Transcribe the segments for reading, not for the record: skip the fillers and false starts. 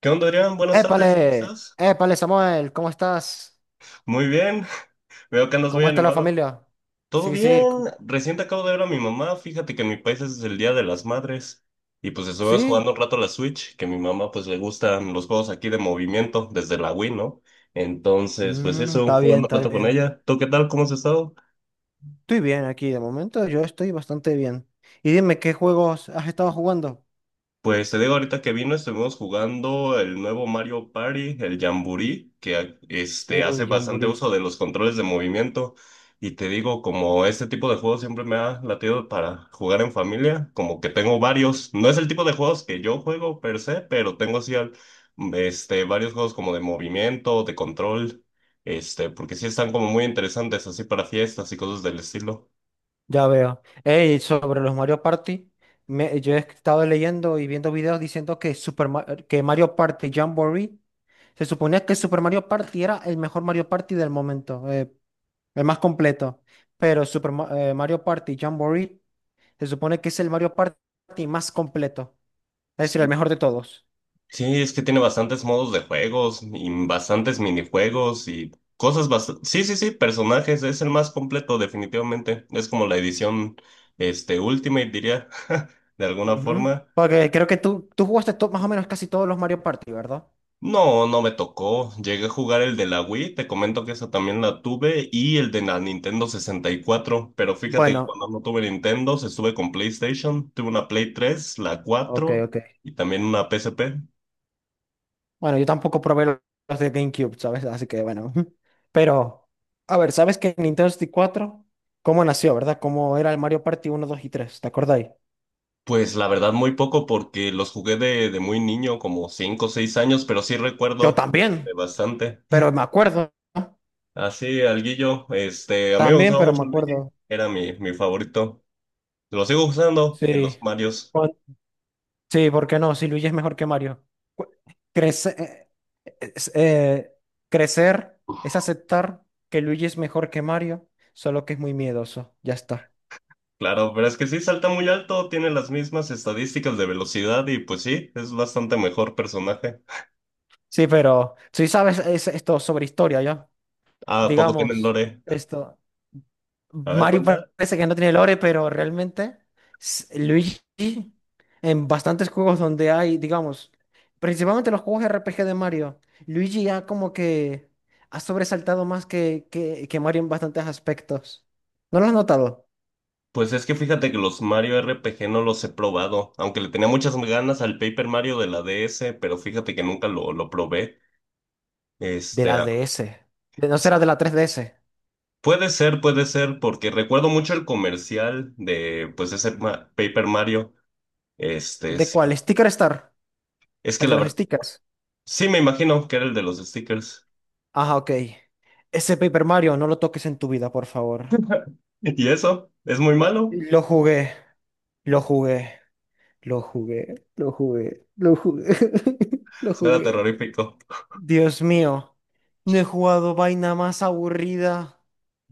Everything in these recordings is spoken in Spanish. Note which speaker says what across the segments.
Speaker 1: ¿Qué onda, Adrián? Buenas tardes, ¿cómo
Speaker 2: Épale,
Speaker 1: estás?
Speaker 2: épale, Samuel, ¿cómo estás?
Speaker 1: Muy bien, veo que andas muy
Speaker 2: ¿Cómo está la
Speaker 1: animado.
Speaker 2: familia?
Speaker 1: Todo
Speaker 2: Sí,
Speaker 1: bien,
Speaker 2: sí,
Speaker 1: recién te acabo de ver a mi mamá, fíjate que en mi país es el Día de las Madres y pues estuvimos
Speaker 2: sí.
Speaker 1: jugando un rato a la Switch, que a mi mamá pues le gustan los juegos aquí de movimiento desde la Wii, ¿no? Entonces, pues eso,
Speaker 2: Está bien,
Speaker 1: jugando un
Speaker 2: está
Speaker 1: rato con
Speaker 2: bien.
Speaker 1: ella. ¿Tú qué tal? ¿Cómo has estado?
Speaker 2: Estoy bien aquí, de momento yo estoy bastante bien. Y dime, ¿qué juegos has estado jugando?
Speaker 1: Pues te digo, ahorita que vino estuvimos jugando el nuevo Mario Party, el Jamboree, que hace
Speaker 2: Uy,
Speaker 1: bastante
Speaker 2: Jamboree,
Speaker 1: uso de los controles de movimiento. Y te digo, como este tipo de juegos siempre me ha latido para jugar en familia, como que tengo varios. No es el tipo de juegos que yo juego per se, pero tengo así varios juegos como de movimiento, de control, porque sí están como muy interesantes así para fiestas y cosas del estilo.
Speaker 2: ya veo. Ey, sobre los Mario Party, yo he estado leyendo y viendo videos diciendo que Mario Party Jamboree, se suponía que Super Mario Party era el mejor Mario Party del momento, el más completo. Pero Mario Party Jamboree se supone que es el Mario Party más completo, es decir, el mejor de todos.
Speaker 1: Sí, es que tiene bastantes modos de juegos y bastantes minijuegos y cosas bastante. Sí, sí, sí, personajes, es el más completo definitivamente. Es como la edición, Ultimate, diría, de alguna
Speaker 2: Ujú.
Speaker 1: forma.
Speaker 2: Porque creo que tú jugaste más o menos casi todos los Mario Party, ¿verdad?
Speaker 1: No, no me tocó. Llegué a jugar el de la Wii, te comento que esa también la tuve, y el de la Nintendo 64, pero fíjate que
Speaker 2: Bueno,
Speaker 1: cuando no tuve Nintendo, se estuve con PlayStation, tuve una Play 3, la
Speaker 2: ok,
Speaker 1: cuatro
Speaker 2: ok.
Speaker 1: y también una PSP.
Speaker 2: Bueno, yo tampoco probé los de GameCube, ¿sabes? Así que bueno. Pero, a ver, ¿sabes que Nintendo 64, cómo nació, verdad? ¿Cómo era el Mario Party 1, 2 y 3? ¿Te acordáis?
Speaker 1: Pues la verdad muy poco porque los jugué de muy niño, como 5 o 6 años, pero sí
Speaker 2: Yo
Speaker 1: recuerdo
Speaker 2: también,
Speaker 1: bastante.
Speaker 2: pero me acuerdo, ¿no?
Speaker 1: Así, alguillo, a mí me
Speaker 2: También,
Speaker 1: gustaba
Speaker 2: pero me
Speaker 1: mucho Luigi,
Speaker 2: acuerdo.
Speaker 1: era mi favorito. Lo sigo usando en
Speaker 2: Sí.
Speaker 1: los Marios,
Speaker 2: Cuan- Sí, ¿por qué no? Si Luigi es mejor que Mario. Cu- Crece. Es, eh, Crecer es aceptar que Luigi es mejor que Mario, solo que es muy miedoso. Ya está.
Speaker 1: claro, pero es que sí salta muy alto, tiene las mismas estadísticas de velocidad y pues sí, es bastante mejor personaje.
Speaker 2: Sí, pero si sabes esto sobre historia, ¿ya?
Speaker 1: ¿A poco tienen
Speaker 2: Digamos,
Speaker 1: lore?
Speaker 2: esto.
Speaker 1: A ver,
Speaker 2: Mario parece que no tiene lore, pero realmente Luigi, en bastantes juegos donde hay, digamos, principalmente los juegos RPG de Mario, Luigi ya como que ha sobresaltado más que Mario en bastantes aspectos. ¿No lo has notado?
Speaker 1: pues es que fíjate que los Mario RPG no los he probado, aunque le tenía muchas ganas al Paper Mario de la DS, pero fíjate que nunca lo probé.
Speaker 2: De
Speaker 1: Este,
Speaker 2: la
Speaker 1: a-
Speaker 2: DS. No,
Speaker 1: s-
Speaker 2: será de la 3DS.
Speaker 1: puede ser, puede ser, porque recuerdo mucho el comercial de, pues, ese Paper Mario.
Speaker 2: ¿De
Speaker 1: Sí.
Speaker 2: cuál? ¿Sticker Star?
Speaker 1: Es que
Speaker 2: ¿El
Speaker 1: la
Speaker 2: de los
Speaker 1: verdad,
Speaker 2: stickers?
Speaker 1: sí me imagino que era el de los stickers.
Speaker 2: Ajá, ok. Ese Paper Mario, no lo toques en tu vida, por favor.
Speaker 1: ¿Y eso? ¿Es muy malo?
Speaker 2: Lo jugué, lo jugué, lo jugué, lo jugué, lo jugué, lo
Speaker 1: Será
Speaker 2: jugué.
Speaker 1: terrorífico.
Speaker 2: Dios mío, no he jugado vaina más aburrida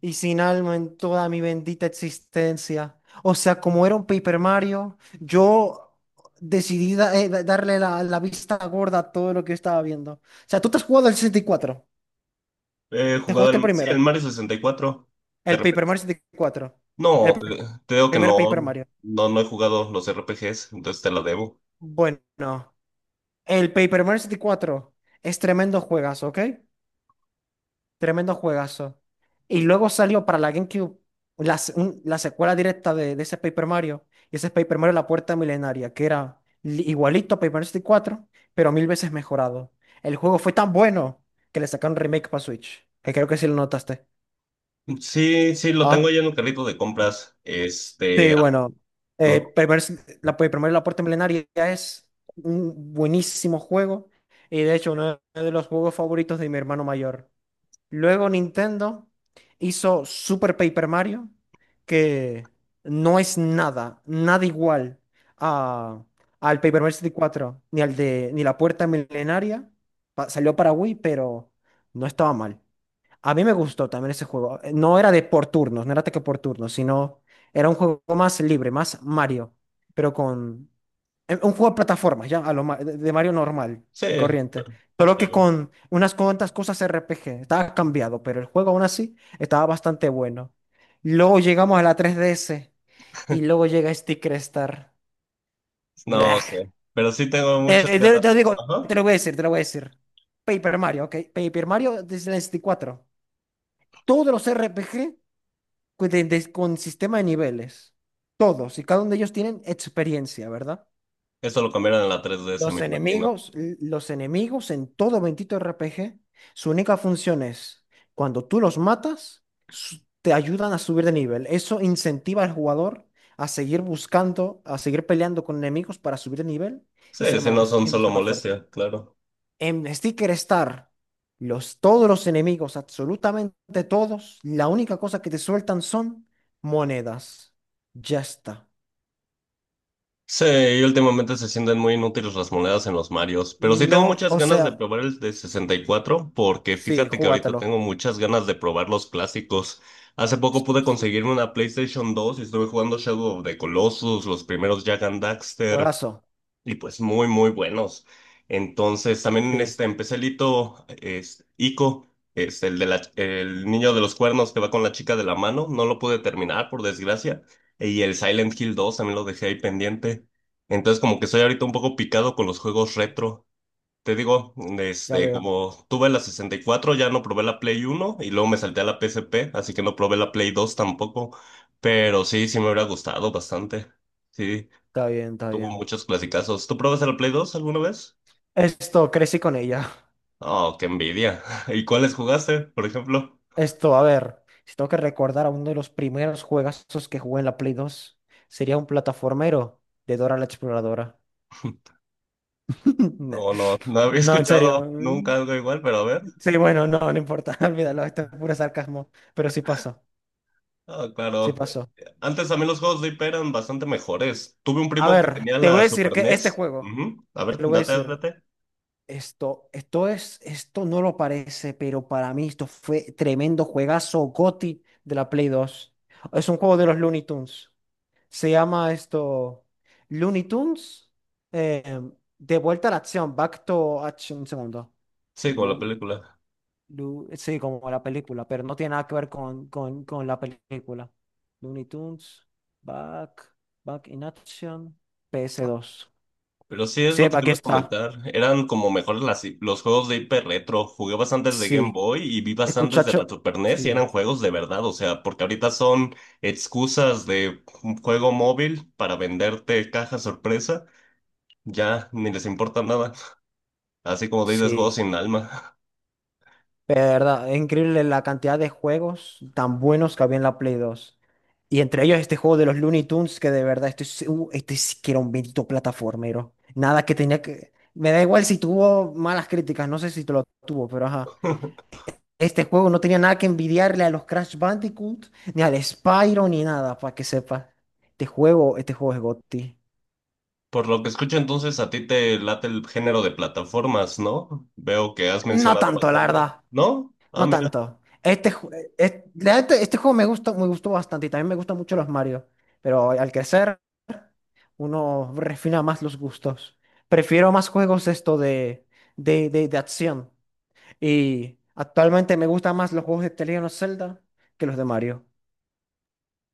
Speaker 2: y sin alma en toda mi bendita existencia. O sea, como era un Paper Mario, yo decidí darle la vista gorda a todo lo que yo estaba viendo. O sea, ¿tú te has jugado el 64?
Speaker 1: He
Speaker 2: Te
Speaker 1: jugado
Speaker 2: jugaste el
Speaker 1: el, sí, el
Speaker 2: primero,
Speaker 1: Mario 64. ¿Te
Speaker 2: el Paper
Speaker 1: refieres?
Speaker 2: Mario 64, el
Speaker 1: No, te, te digo que
Speaker 2: primer
Speaker 1: no,
Speaker 2: Paper Mario.
Speaker 1: no, no he jugado los RPGs, entonces te la debo.
Speaker 2: Bueno, el Paper Mario 64 es tremendo juegas, ¿ok? Tremendo juegazo. Y luego salió para la GameCube la secuela directa de ese Paper Mario. Y ese es Paper Mario La Puerta Milenaria, que era igualito a Paper Mario 64, pero mil veces mejorado. El juego fue tan bueno que le sacaron remake para Switch. Que creo que sí lo notaste.
Speaker 1: Sí, sí, lo tengo
Speaker 2: Ah,
Speaker 1: ya en un carrito de compras.
Speaker 2: sí, bueno.
Speaker 1: Mm,
Speaker 2: Paper Mario La Puerta Milenaria es un buenísimo juego. Y de hecho, uno de los juegos favoritos de mi hermano mayor. Luego Nintendo hizo Super Paper Mario, que no es nada, nada igual a, al Paper Mario 64, ni al de, ni la Puerta Milenaria. Salió para Wii, pero no estaba mal. A mí me gustó también ese juego. No era de por turnos, no era ataque por turnos, sino era un juego más libre, más Mario, pero con un juego de plataformas, ya de Mario normal
Speaker 1: sí,
Speaker 2: y corriente. Solo que
Speaker 1: yo-
Speaker 2: con unas cuantas cosas RPG. Estaba cambiado, pero el juego aún así estaba bastante bueno. Luego llegamos a la 3DS y luego llega Sticker Star.
Speaker 1: no
Speaker 2: Blah.
Speaker 1: sé, pero sí tengo muchas
Speaker 2: Te, te-
Speaker 1: ganas.
Speaker 2: te digo,
Speaker 1: Ajá,
Speaker 2: te lo voy a decir, te lo voy a decir. Paper Mario, ok. Paper Mario desde el 64. Todos los RPG, con sistema de niveles. Todos y cada uno de ellos tienen experiencia, ¿verdad?
Speaker 1: eso lo cambiaron en la DS
Speaker 2: Los
Speaker 1: me imagino.
Speaker 2: enemigos, los enemigos en todo bendito RPG, su única función es, cuando tú los matas, te ayudan a subir de nivel. Eso incentiva al jugador a seguir buscando, a seguir peleando con enemigos para subir de nivel
Speaker 1: Sí, sí, no son
Speaker 2: y
Speaker 1: solo
Speaker 2: ser más fuerte.
Speaker 1: molestia, claro.
Speaker 2: En Sticker Star, todos los enemigos, absolutamente todos, la única cosa que te sueltan son monedas. Ya está.
Speaker 1: Sí, y últimamente se sienten muy inútiles las monedas en los Marios, pero sí tengo
Speaker 2: No,
Speaker 1: muchas
Speaker 2: o
Speaker 1: ganas de
Speaker 2: sea,
Speaker 1: probar el de 64 porque
Speaker 2: sí,
Speaker 1: fíjate que ahorita
Speaker 2: júgatelo.
Speaker 1: tengo muchas ganas de probar los clásicos. Hace poco
Speaker 2: Sí,
Speaker 1: pude
Speaker 2: sí.
Speaker 1: conseguirme una PlayStation 2 y estuve jugando Shadow of the Colossus, los primeros Jak and Daxter,
Speaker 2: Juegazo.
Speaker 1: y pues muy, muy buenos. Entonces también
Speaker 2: Sí,
Speaker 1: empecé el hito, es Ico, es el niño de los cuernos que va con la chica de la mano, no lo pude terminar por desgracia, y el Silent Hill 2 también lo dejé ahí pendiente. Entonces como que estoy ahorita un poco picado con los juegos retro. Te digo,
Speaker 2: ya veo.
Speaker 1: como tuve la 64, ya no probé la Play 1 y luego me salté a la PSP, así que no probé la Play 2 tampoco, pero sí, sí me hubiera gustado bastante. Sí.
Speaker 2: Está bien, está
Speaker 1: Tuvo
Speaker 2: bien.
Speaker 1: muchos clasicazos. ¿Tú probaste la Play 2 alguna vez?
Speaker 2: Esto, crecí con ella.
Speaker 1: Oh, qué envidia. ¿Y cuáles jugaste, por ejemplo?
Speaker 2: Esto, a ver, si tengo que recordar a uno de los primeros juegazos que jugué en la Play 2, sería un plataformero de Dora la Exploradora.
Speaker 1: No, no, no había
Speaker 2: No, en serio.
Speaker 1: escuchado nunca algo igual, pero a ver.
Speaker 2: Sí, bueno, no, no importa, olvídalo, esto es puro sarcasmo, pero sí pasó,
Speaker 1: Ah,
Speaker 2: sí
Speaker 1: claro.
Speaker 2: pasó.
Speaker 1: Antes también los juegos de IP eran bastante mejores. Tuve un
Speaker 2: A
Speaker 1: primo que
Speaker 2: ver,
Speaker 1: tenía
Speaker 2: te voy a
Speaker 1: la
Speaker 2: decir
Speaker 1: Super
Speaker 2: que este
Speaker 1: NES.
Speaker 2: juego,
Speaker 1: Ujú. A ver,
Speaker 2: te lo voy a
Speaker 1: date,
Speaker 2: decir,
Speaker 1: date.
Speaker 2: esto no lo parece, pero para mí esto fue tremendo juegazo GOTY de la Play 2. Es un juego de los Looney Tunes. Se llama esto Looney Tunes, eh, de vuelta a la acción, back to action, un segundo.
Speaker 1: Sí, con la película.
Speaker 2: Sí, como la película, pero no tiene nada que ver con la película. Looney Tunes, Back, Back in Action, PS2.
Speaker 1: Pero sí es
Speaker 2: Sí,
Speaker 1: lo que te
Speaker 2: aquí
Speaker 1: iba a
Speaker 2: está.
Speaker 1: comentar. Eran como mejores los juegos de hiper retro. Jugué bastantes de Game
Speaker 2: Sí,
Speaker 1: Boy y vi bastantes de la
Speaker 2: escuchacho.
Speaker 1: Super NES y
Speaker 2: Sí,
Speaker 1: eran juegos de verdad. O sea, porque ahorita son excusas de un juego móvil para venderte caja sorpresa. Ya ni les importa nada. Así como dices, juegos
Speaker 2: sí.
Speaker 1: sin alma.
Speaker 2: Pero de verdad, es increíble la cantidad de juegos tan buenos que había en la Play 2. Y entre ellos este juego de los Looney Tunes, que de verdad, este, este sí que era un bendito plataformero. Nada que tenía que. Me da igual si tuvo malas críticas, no sé si te lo tuvo, pero ajá. Este juego no tenía nada que envidiarle a los Crash Bandicoot, ni al Spyro, ni nada, para que sepa. Este juego es GOTY.
Speaker 1: Por lo que escucho, entonces a ti te late el género de plataformas, ¿no? Veo que has
Speaker 2: No
Speaker 1: mencionado
Speaker 2: tanto, la
Speaker 1: bastante.
Speaker 2: verdad.
Speaker 1: ¿No? Ah,
Speaker 2: No
Speaker 1: mira.
Speaker 2: tanto. Este, la neta, este, juego me gustó bastante y también me gustan mucho los Mario. Pero al crecer, uno refina más los gustos. Prefiero más juegos de esto de, acción. Y actualmente me gustan más los juegos de The Legend of Zelda que los de Mario.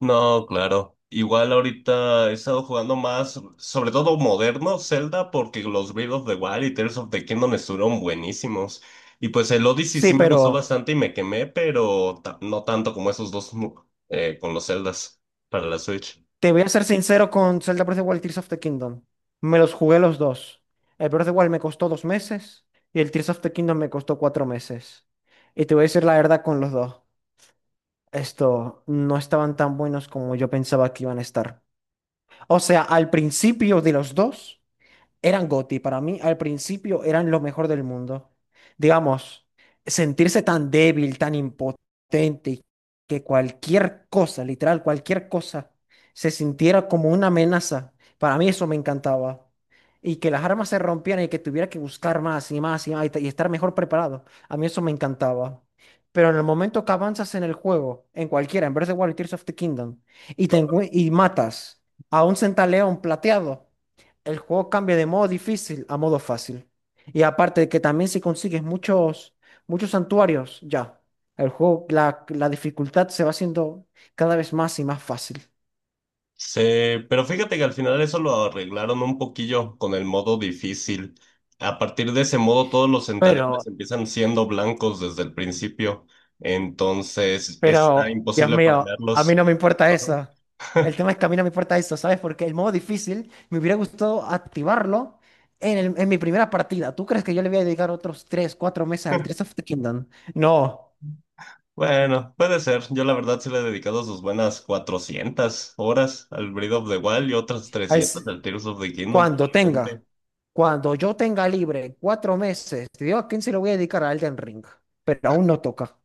Speaker 1: No, claro. Igual ahorita he estado jugando más, sobre todo moderno Zelda, porque los Breath of the Wild y Tears of the Kingdom estuvieron buenísimos. Y pues el Odyssey
Speaker 2: Sí,
Speaker 1: sí me gustó
Speaker 2: pero
Speaker 1: bastante y me quemé, pero no tanto como esos dos con los Zeldas para la Switch.
Speaker 2: te voy a ser sincero con Zelda Breath of the Wild y Tears of the Kingdom. Me los jugué los dos. El Breath of the Wild me costó 2 meses y el Tears of the Kingdom me costó 4 meses. Y te voy a decir la verdad con los dos. Esto no estaban tan buenos como yo pensaba que iban a estar. O sea, al principio de los dos eran GOTY. Para mí, al principio, eran lo mejor del mundo. Digamos, sentirse tan débil, tan impotente, y que cualquier cosa, literal, cualquier cosa, se sintiera como una amenaza. Para mí eso me encantaba. Y que las armas se rompieran y que tuviera que buscar más y más y más y estar mejor preparado. A mí eso me encantaba. Pero en el momento que avanzas en el juego, en cualquiera, en Breath of the Wild y Tears of the Kingdom, y matas a un centaleón plateado, el juego cambia de modo difícil a modo fácil. Y aparte de que también si consigues muchos, muchos santuarios, ya. La dificultad se va haciendo cada vez más y más fácil.
Speaker 1: Sí, pero fíjate que al final eso lo arreglaron un poquillo con el modo difícil. A partir de ese modo, todos los
Speaker 2: Pero,
Speaker 1: centaleones empiezan siendo blancos desde el principio. Entonces, está
Speaker 2: pero, Dios
Speaker 1: imposible
Speaker 2: mío, a mí
Speaker 1: farmearlos.
Speaker 2: no me importa
Speaker 1: Ajá.
Speaker 2: eso. El tema es que a mí no me importa eso, ¿sabes? Porque el modo difícil me hubiera gustado activarlo en mi primera partida. ¿Tú crees que yo le voy a dedicar otros 3 4 meses al Tears of the Kingdom? No.
Speaker 1: Bueno, puede ser. Yo la verdad sí le he dedicado sus buenas 400 horas al Breath of the Wild y otras
Speaker 2: Al,
Speaker 1: 300 al Tears of the Kingdom
Speaker 2: Cuando tenga,
Speaker 1: probablemente.
Speaker 2: cuando yo tenga libre 4 meses, te digo a quién se lo voy a dedicar, a Elden Ring, pero aún no toca.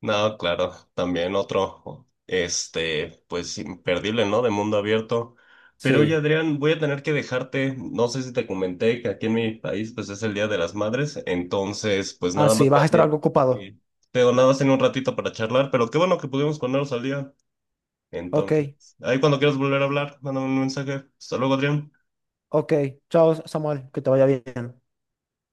Speaker 1: No, claro, también otro, pues imperdible, ¿no? De mundo abierto. Pero oye,
Speaker 2: Sí,
Speaker 1: Adrián, voy a tener que dejarte. No sé si te comenté que aquí en mi país, pues es el Día de las Madres. Entonces, pues nada
Speaker 2: así
Speaker 1: más
Speaker 2: vas a
Speaker 1: para.
Speaker 2: estar algo ocupado.
Speaker 1: Te nada más en un ratito para charlar, pero qué bueno que pudimos ponernos al día.
Speaker 2: Ok,
Speaker 1: Entonces, ahí cuando quieras volver a hablar, mándame un mensaje. Hasta luego, Adrián.
Speaker 2: ok, chao, Samuel, que te vaya bien.